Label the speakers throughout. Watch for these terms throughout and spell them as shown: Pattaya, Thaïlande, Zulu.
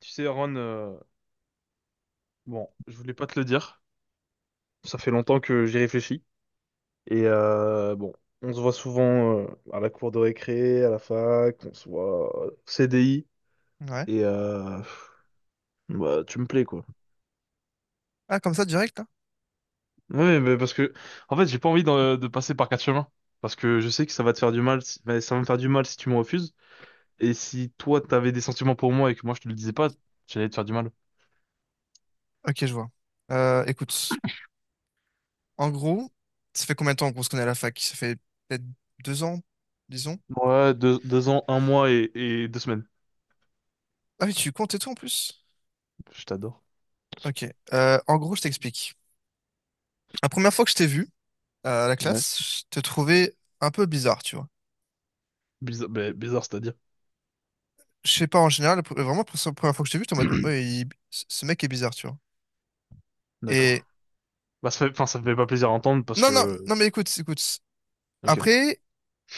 Speaker 1: Tu sais, Aaron, bon, je voulais pas te le dire. Ça fait longtemps que j'y réfléchis. Et bon, on se voit souvent à la cour de récré, à la fac, on se voit au CDI.
Speaker 2: Ouais.
Speaker 1: Et bah, tu me plais, quoi.
Speaker 2: Ah, comme ça, direct, là?
Speaker 1: Ouais, mais parce que, en fait, j'ai pas envie de passer par quatre chemins. Parce que je sais que ça va te faire du mal, bah, ça va me faire du mal si tu me refuses. Et si toi, t'avais des sentiments pour moi et que moi, je te le disais pas, j'allais te faire du mal.
Speaker 2: Ok, je vois. Écoute, en gros, ça fait combien de temps qu'on se connaît à la fac? Ça fait peut-être 2 ans, disons.
Speaker 1: Ouais, deux ans, 1 mois et 2 semaines.
Speaker 2: Ah oui, tu comptes et tout en plus?
Speaker 1: Je t'adore.
Speaker 2: Ok. En gros, je t'explique. La première fois que je t'ai vu à la
Speaker 1: Ouais.
Speaker 2: classe, je te trouvais un peu bizarre, tu vois.
Speaker 1: Bizarre, bah, bizarre, c'est-à-dire.
Speaker 2: Je sais pas, en général, vraiment, la première fois que je t'ai vu, j'étais en mode, ouais, ce mec est bizarre, tu vois.
Speaker 1: D'accord.
Speaker 2: Et
Speaker 1: Bah, ça fait, enfin, ça me fait pas plaisir à entendre parce
Speaker 2: non, non,
Speaker 1: que.
Speaker 2: non, mais écoute, écoute.
Speaker 1: Ok.
Speaker 2: Après,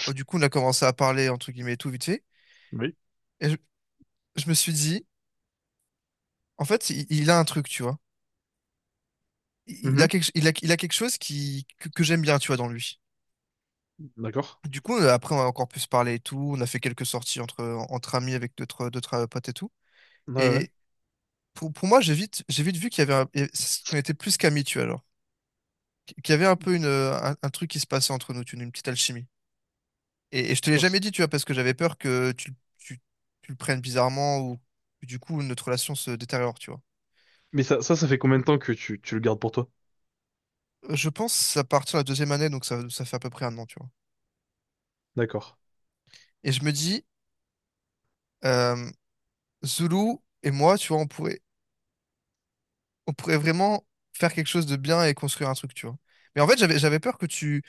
Speaker 2: du coup, on a commencé à parler, entre guillemets, et tout vite fait.
Speaker 1: Oui.
Speaker 2: Et je me suis dit, en fait, il a un truc, tu vois. il a
Speaker 1: Mhm.
Speaker 2: quelque, il a, il a quelque chose qui, que j'aime bien, tu vois, dans lui.
Speaker 1: D'accord.
Speaker 2: Du coup, après, on a encore pu se parler et tout. On a fait quelques sorties entre amis avec d'autres, potes et tout.
Speaker 1: Ouais, ouais.
Speaker 2: Et pour moi, j'ai vite vu qu'il y avait qu'on était plus qu'amis, tu vois, alors. Qu'il y avait un peu un truc qui se passait entre nous, tu vois, une petite alchimie. Et je te l'ai
Speaker 1: Tu res-
Speaker 2: jamais dit, tu vois, parce que j'avais peur que tu, tu le prennes bizarrement ou que du coup, notre relation se détériore, tu vois.
Speaker 1: Mais ça fait combien de temps que tu le gardes pour toi?
Speaker 2: Je pense à partir de la deuxième année, donc ça fait à peu près un an, tu vois.
Speaker 1: D'accord.
Speaker 2: Et je me dis, euh, Zulu et moi, tu vois, on pourrait vraiment faire quelque chose de bien et construire un truc, tu vois. Mais en fait, j'avais peur que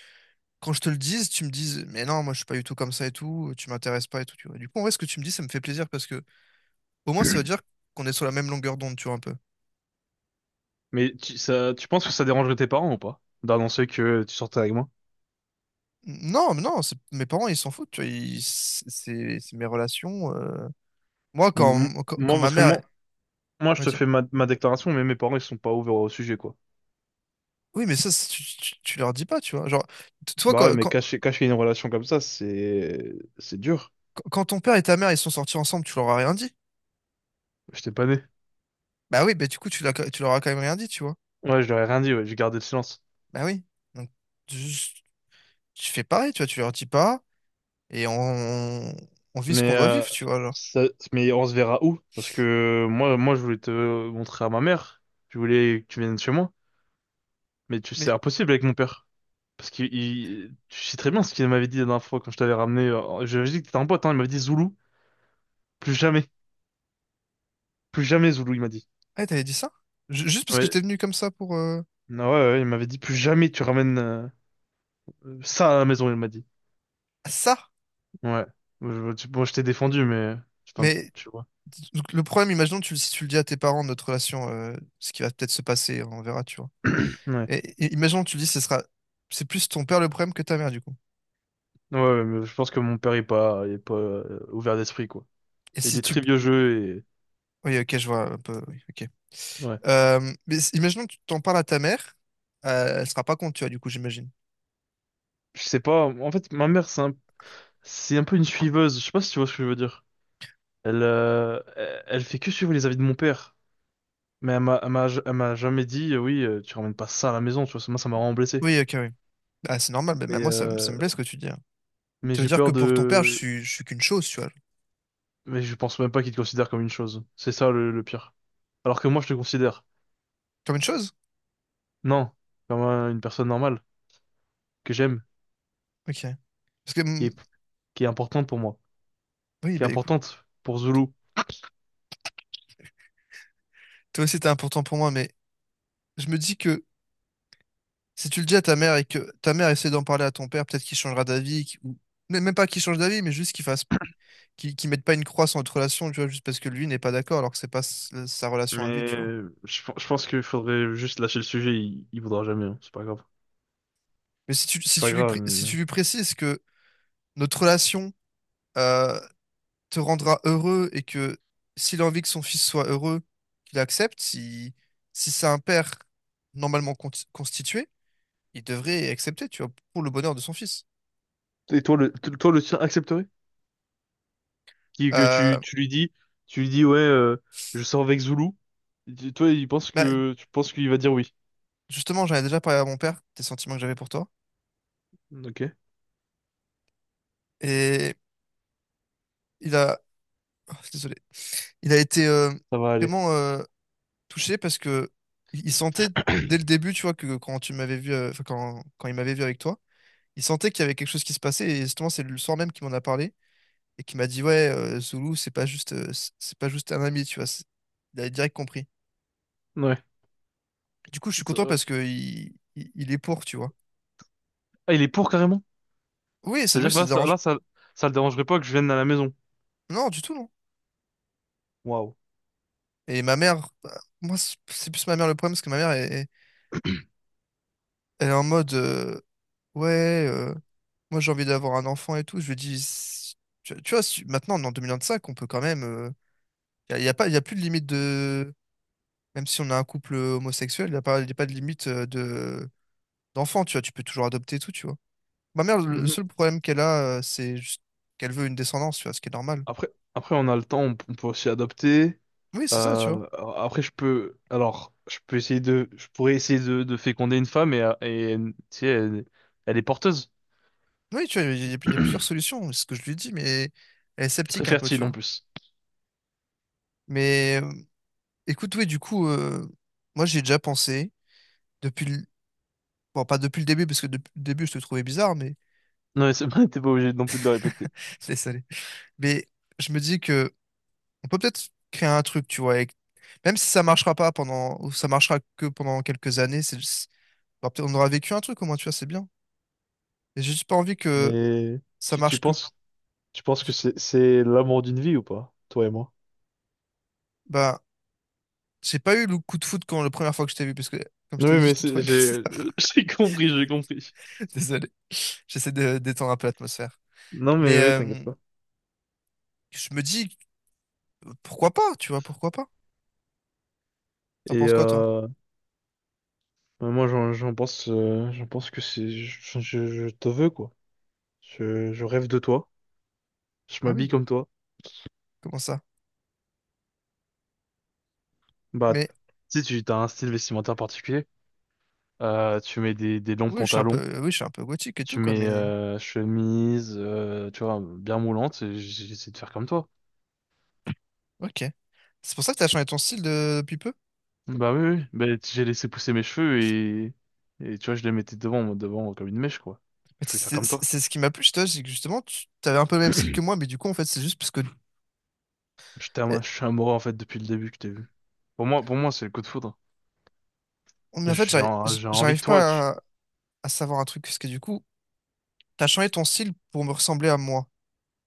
Speaker 2: quand je te le dise, tu me dises, mais non, moi, je suis pas du tout comme ça et tout, tu m'intéresses pas et tout, tu vois. Du coup, en vrai, ce que tu me dis, ça me fait plaisir parce que au moins, ça veut dire qu'on est sur la même longueur d'onde, tu vois, un peu.
Speaker 1: Mais ça, tu penses que ça dérangerait tes parents ou pas? D'annoncer que tu sortais avec moi?
Speaker 2: Non, mais non, mes parents, ils s'en foutent, tu vois, c'est mes relations. Moi, quand,
Speaker 1: M-
Speaker 2: quand, quand
Speaker 1: moi,
Speaker 2: ma
Speaker 1: parce que
Speaker 2: mère,
Speaker 1: moi, je
Speaker 2: ouais,
Speaker 1: te fais ma déclaration, mais mes parents, ils sont pas ouverts au sujet, quoi.
Speaker 2: oui, mais ça, tu leur dis pas, tu vois. Genre, toi,
Speaker 1: Bah ouais, mais cacher une relation comme ça, c'est dur.
Speaker 2: quand ton père et ta mère, ils sont sortis ensemble, tu leur as rien dit.
Speaker 1: J'étais pas né.
Speaker 2: Bah oui, bah du coup, tu l'as, tu leur as quand même rien dit, tu vois.
Speaker 1: Ouais, je leur ai rien dit, ouais, j'ai gardé le silence.
Speaker 2: Bah oui. Donc, tu, tu fais pareil, tu vois, tu leur dis pas, et on, on vit ce
Speaker 1: Mais,
Speaker 2: qu'on doit
Speaker 1: euh,
Speaker 2: vivre, tu vois, alors.
Speaker 1: ça- mais on se verra où? Parce que moi, je voulais te montrer à ma mère. Je voulais que tu viennes chez moi. Mais c'est
Speaker 2: Mais,
Speaker 1: impossible avec mon père. Parce que tu sais très bien ce qu'il m'avait dit la dernière fois quand je t'avais ramené. Je lui ai dit que t'étais un pote, hein. Il m'avait dit Zoulou. Plus jamais. Plus jamais Zoulou, il m'a dit.
Speaker 2: ah, t'avais dit ça? Juste parce que
Speaker 1: Ouais.
Speaker 2: j'étais venu comme ça pour,
Speaker 1: Ah ouais, ouais, il m'avait dit plus jamais tu ramènes ça à la maison, il m'a dit.
Speaker 2: ah, ça?
Speaker 1: Ouais. Bon, je t'ai défendu, mais. Enfin,
Speaker 2: Mais,
Speaker 1: tu vois.
Speaker 2: donc, le problème, imaginons, si tu le dis à tes parents, de notre relation, ce qui va peut-être se passer, on verra, tu vois.
Speaker 1: Ouais.
Speaker 2: Et, et imaginons, tu le dis, c'est plus ton père le problème que ta mère, du coup.
Speaker 1: Ouais, ouais, mais je pense que mon père est pas, il est pas ouvert d'esprit, quoi.
Speaker 2: Et
Speaker 1: Il
Speaker 2: si
Speaker 1: est
Speaker 2: tu,
Speaker 1: très vieux jeu.
Speaker 2: oui, ok, je vois un peu, oui, ok.
Speaker 1: Ouais.
Speaker 2: Mais imaginons que tu t'en parles à ta mère, elle sera pas contre, tu vois, du coup, j'imagine.
Speaker 1: Je sais pas. En fait, ma mère, c'est un peu une suiveuse. Je sais pas si tu vois ce que je veux dire. Elle, elle fait que suivre les avis de mon père. Mais elle m'a jamais dit, oui, tu ramènes pas ça à la maison, tu vois. Moi, ça m'a vraiment blessé.
Speaker 2: Oui, ok, oui. Ah, c'est normal, mais
Speaker 1: Mais,
Speaker 2: même moi,
Speaker 1: euh,
Speaker 2: ça me blesse ce que tu dis, hein.
Speaker 1: mais
Speaker 2: Ça veut
Speaker 1: j'ai
Speaker 2: dire que
Speaker 1: peur
Speaker 2: pour ton père,
Speaker 1: de.
Speaker 2: je suis qu'une chose, tu vois.
Speaker 1: Mais je pense même pas qu'il te considère comme une chose. C'est ça le pire. Alors que moi, je te considère.
Speaker 2: Comme une chose?
Speaker 1: Non, comme une personne normale que j'aime,
Speaker 2: Ok. Parce que,
Speaker 1: qui est, qui est importante pour moi,
Speaker 2: oui,
Speaker 1: qui est
Speaker 2: bah écoute,
Speaker 1: importante pour Zulu.
Speaker 2: toi aussi, t'es important pour moi, mais je me dis que si tu le dis à ta mère et que ta mère essaie d'en parler à ton père, peut-être qu'il changera d'avis, ou mais même pas qu'il change d'avis, mais juste qu'il fasse, qu'il mette pas une croix sur notre relation, tu vois, juste parce que lui n'est pas d'accord, alors que c'est pas sa relation à lui,
Speaker 1: Mais
Speaker 2: tu vois.
Speaker 1: je pense qu'il faudrait juste lâcher le sujet. Il voudra jamais, hein. C'est pas grave.
Speaker 2: Mais si tu,
Speaker 1: C'est
Speaker 2: si
Speaker 1: pas
Speaker 2: tu lui,
Speaker 1: grave.
Speaker 2: pré- si tu lui précises que notre relation, euh, te rendra heureux et que s'il a envie que son fils soit heureux, qu'il accepte, si c'est un père normalement constitué, il devrait accepter, tu vois, pour le bonheur de son fils.
Speaker 1: Et toi, toi, le tien accepterait? Que
Speaker 2: Euh,
Speaker 1: tu lui dis, ouais, je sors avec Zulu. Toi,
Speaker 2: Bah,
Speaker 1: tu penses qu'il va dire oui.
Speaker 2: justement, j'en ai déjà parlé à mon père des sentiments que j'avais pour toi.
Speaker 1: Ok,
Speaker 2: Et il a, oh, désolé, il a été
Speaker 1: ça va aller.
Speaker 2: vraiment touché parce que il sentait dès le début, tu vois, que quand tu m'avais vu, enfin, quand il m'avait vu avec toi, il sentait qu'il y avait quelque chose qui se passait. Et justement, c'est le soir même qu'il m'en a parlé, et qui m'a dit, ouais, Zoulou, c'est pas juste c'est pas juste un ami, tu vois, il a direct compris.
Speaker 1: Ouais.
Speaker 2: Du coup, je suis
Speaker 1: Ça-
Speaker 2: content
Speaker 1: euh,
Speaker 2: parce que il est pour, tu vois.
Speaker 1: Ah, il est pour carrément.
Speaker 2: Oui, ça lui,
Speaker 1: C'est-à-dire que
Speaker 2: ça
Speaker 1: là,
Speaker 2: le
Speaker 1: ça,
Speaker 2: dérange,
Speaker 1: là, ça, ça le dérangerait pas que je vienne à la maison.
Speaker 2: non, du tout, non.
Speaker 1: Waouh.
Speaker 2: Et ma mère, bah, moi c'est plus ma mère le problème parce que elle est en mode, ouais, moi j'ai envie d'avoir un enfant et tout, je lui dis, tu vois, maintenant on est en cinq, on peut quand même, il y, a y a pas, il y a plus de limite de, même si on a un couple homosexuel, il n'y a pas y a pas de limite, de d'enfant, tu vois, tu peux toujours adopter et tout, tu vois. Ma mère, le
Speaker 1: Mhm.
Speaker 2: seul problème qu'elle a, c'est juste qu'elle veut une descendance, tu vois, ce qui est normal.
Speaker 1: Après, après, on a le temps, on peut aussi adopter.
Speaker 2: Oui, c'est ça, tu vois.
Speaker 1: Euh, après, alors, je pourrais essayer de féconder une femme et tu sais, elle est porteuse.
Speaker 2: Oui, tu vois, il y a plusieurs
Speaker 1: Je
Speaker 2: solutions, c'est ce que je lui dis, mais elle est
Speaker 1: suis très
Speaker 2: sceptique un peu, tu
Speaker 1: fertile en
Speaker 2: vois.
Speaker 1: plus.
Speaker 2: Mais écoute, oui, du coup, moi, j'ai déjà pensé, depuis le... bon, pas depuis le début, parce que depuis le début, je te trouvais bizarre, mais
Speaker 1: Non, mais c'est pas, t'es pas obligé non plus de le répéter.
Speaker 2: laisse aller. Mais je me dis que on peut peut-être créer un truc, tu vois, avec... même si ça marchera pas pendant, ou ça marchera que pendant quelques années, bah, peut-être on aura vécu un truc au moins, tu vois, c'est bien. Et j'ai juste pas envie que
Speaker 1: Mais
Speaker 2: ça
Speaker 1: tu, tu
Speaker 2: marche que.
Speaker 1: penses, tu penses que c'est l'amour d'une vie ou pas, toi et moi?
Speaker 2: Bah, j'ai pas eu le coup de foudre quand la première fois que je t'ai vu, parce que, comme je t'ai
Speaker 1: Oui,
Speaker 2: dit,
Speaker 1: mais
Speaker 2: je te trouvais bizarre.
Speaker 1: j'ai compris.
Speaker 2: Désolé. J'essaie de détendre un peu l'atmosphère.
Speaker 1: Non, mais
Speaker 2: Mais
Speaker 1: oui, t'inquiète pas.
Speaker 2: je me dis, pourquoi pas, tu vois, pourquoi pas? T'en
Speaker 1: Et
Speaker 2: penses quoi, toi?
Speaker 1: bah, moi, j'en pense que je te veux quoi. Je rêve de toi. Je
Speaker 2: Ah
Speaker 1: m'habille
Speaker 2: oui,
Speaker 1: comme toi.
Speaker 2: comment ça?
Speaker 1: Bah,
Speaker 2: Mais
Speaker 1: si tu as un style vestimentaire particulier, tu mets des longs
Speaker 2: oui, je suis un
Speaker 1: pantalons,
Speaker 2: peu, oui, je suis un peu gothique et tout,
Speaker 1: tu
Speaker 2: quoi,
Speaker 1: mets
Speaker 2: mais
Speaker 1: chemise, tu vois, bien moulante, et j'essaie de faire comme toi.
Speaker 2: ok. C'est pour ça que t'as changé ton style depuis peu?
Speaker 1: Bah oui, oui. Bah, j'ai laissé pousser mes cheveux et tu vois, je les mettais devant, moi, devant comme une mèche, quoi.
Speaker 2: Mais
Speaker 1: Je voulais faire comme toi.
Speaker 2: C'est ce qui m'a plu chez toi, c'est que justement, tu avais un peu le même style que moi, mais du coup, en fait, c'est juste parce que. Eh,
Speaker 1: Je suis amoureux, en fait, depuis le début que t'as vu. Pour moi, c'est le coup de foudre.
Speaker 2: mais en fait,
Speaker 1: J'ai envie de
Speaker 2: j'arrive
Speaker 1: toi.
Speaker 2: pas à, à savoir un truc, parce que du coup, t'as changé ton style pour me ressembler à moi.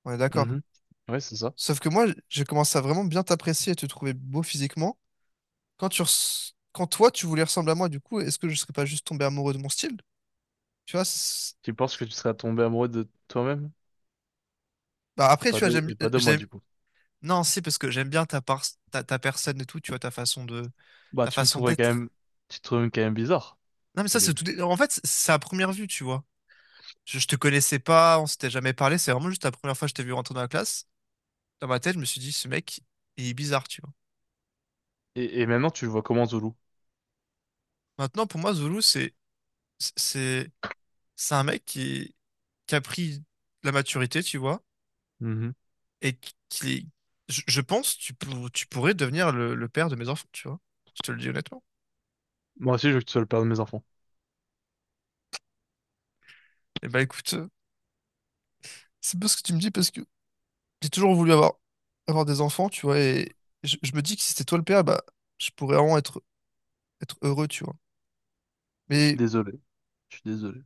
Speaker 2: On est d'accord?
Speaker 1: Mhm. Ouais, c'est ça.
Speaker 2: Sauf que moi, j'ai commencé à vraiment bien t'apprécier et te trouver beau physiquement. Quand toi, tu voulais ressembler à moi, du coup, est-ce que je serais pas juste tombé amoureux de mon style? Tu vois, c'est...
Speaker 1: Tu penses que tu seras tombé amoureux de toi-même
Speaker 2: bah
Speaker 1: et
Speaker 2: après, tu
Speaker 1: pas
Speaker 2: vois,
Speaker 1: de, et pas de moi, du coup.
Speaker 2: non, si, parce que j'aime bien ta ta personne et tout, tu vois,
Speaker 1: Bah,
Speaker 2: ta façon d'être.
Speaker 1: tu te trouvais quand même bizarre
Speaker 2: Non, mais
Speaker 1: au
Speaker 2: ça, c'est tout,
Speaker 1: début.
Speaker 2: en fait, c'est à première vue, tu vois. Je te connaissais pas, on s'était jamais parlé, c'est vraiment juste la première fois que je t'ai vu rentrer dans la classe. Dans ma tête, je me suis dit, ce mec, il est bizarre, tu vois.
Speaker 1: Et maintenant, tu le vois comment Zoulou?
Speaker 2: Maintenant, pour moi, Zulu, c'est, c'est un mec qui a pris la maturité, tu vois,
Speaker 1: Mhm.
Speaker 2: et qui, est- je pense, tu pourrais devenir le père de mes enfants, tu vois. Je te le dis honnêtement.
Speaker 1: Moi aussi, je veux que tu sois le père de mes enfants.
Speaker 2: Et bah écoute, c'est bien ce que tu me dis parce que j'ai toujours voulu avoir, des enfants, tu vois, et je me dis que si c'était toi le père, bah, je pourrais vraiment être heureux, tu vois.
Speaker 1: Je suis
Speaker 2: Mais,
Speaker 1: désolé. Je suis désolé.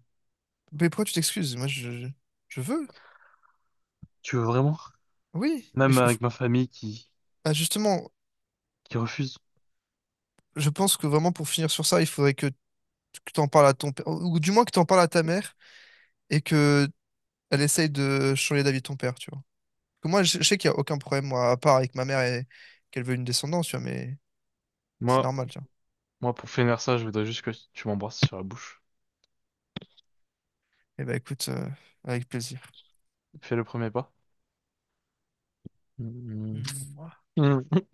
Speaker 2: mais pourquoi tu t'excuses? Moi, je veux.
Speaker 1: Tu veux vraiment?
Speaker 2: Oui,
Speaker 1: Même avec ma famille qui,
Speaker 2: bah, justement,
Speaker 1: qui refuse.
Speaker 2: je pense que vraiment pour finir sur ça, il faudrait que tu en parles à ton père, ou du moins que tu en parles à ta mère, et que elle essaye de changer d'avis de ton père, tu vois. Que moi, je sais qu'il n'y a aucun problème, moi, à part avec ma mère et qu'elle veut une descendance, tu vois, mais c'est
Speaker 1: Moi,
Speaker 2: normal, tu vois.
Speaker 1: moi, pour finir ça, je voudrais juste que tu m'embrasses sur la bouche.
Speaker 2: Eh ben, écoute, avec plaisir.
Speaker 1: Fais le premier pas.
Speaker 2: Hmm.
Speaker 1: Mhm.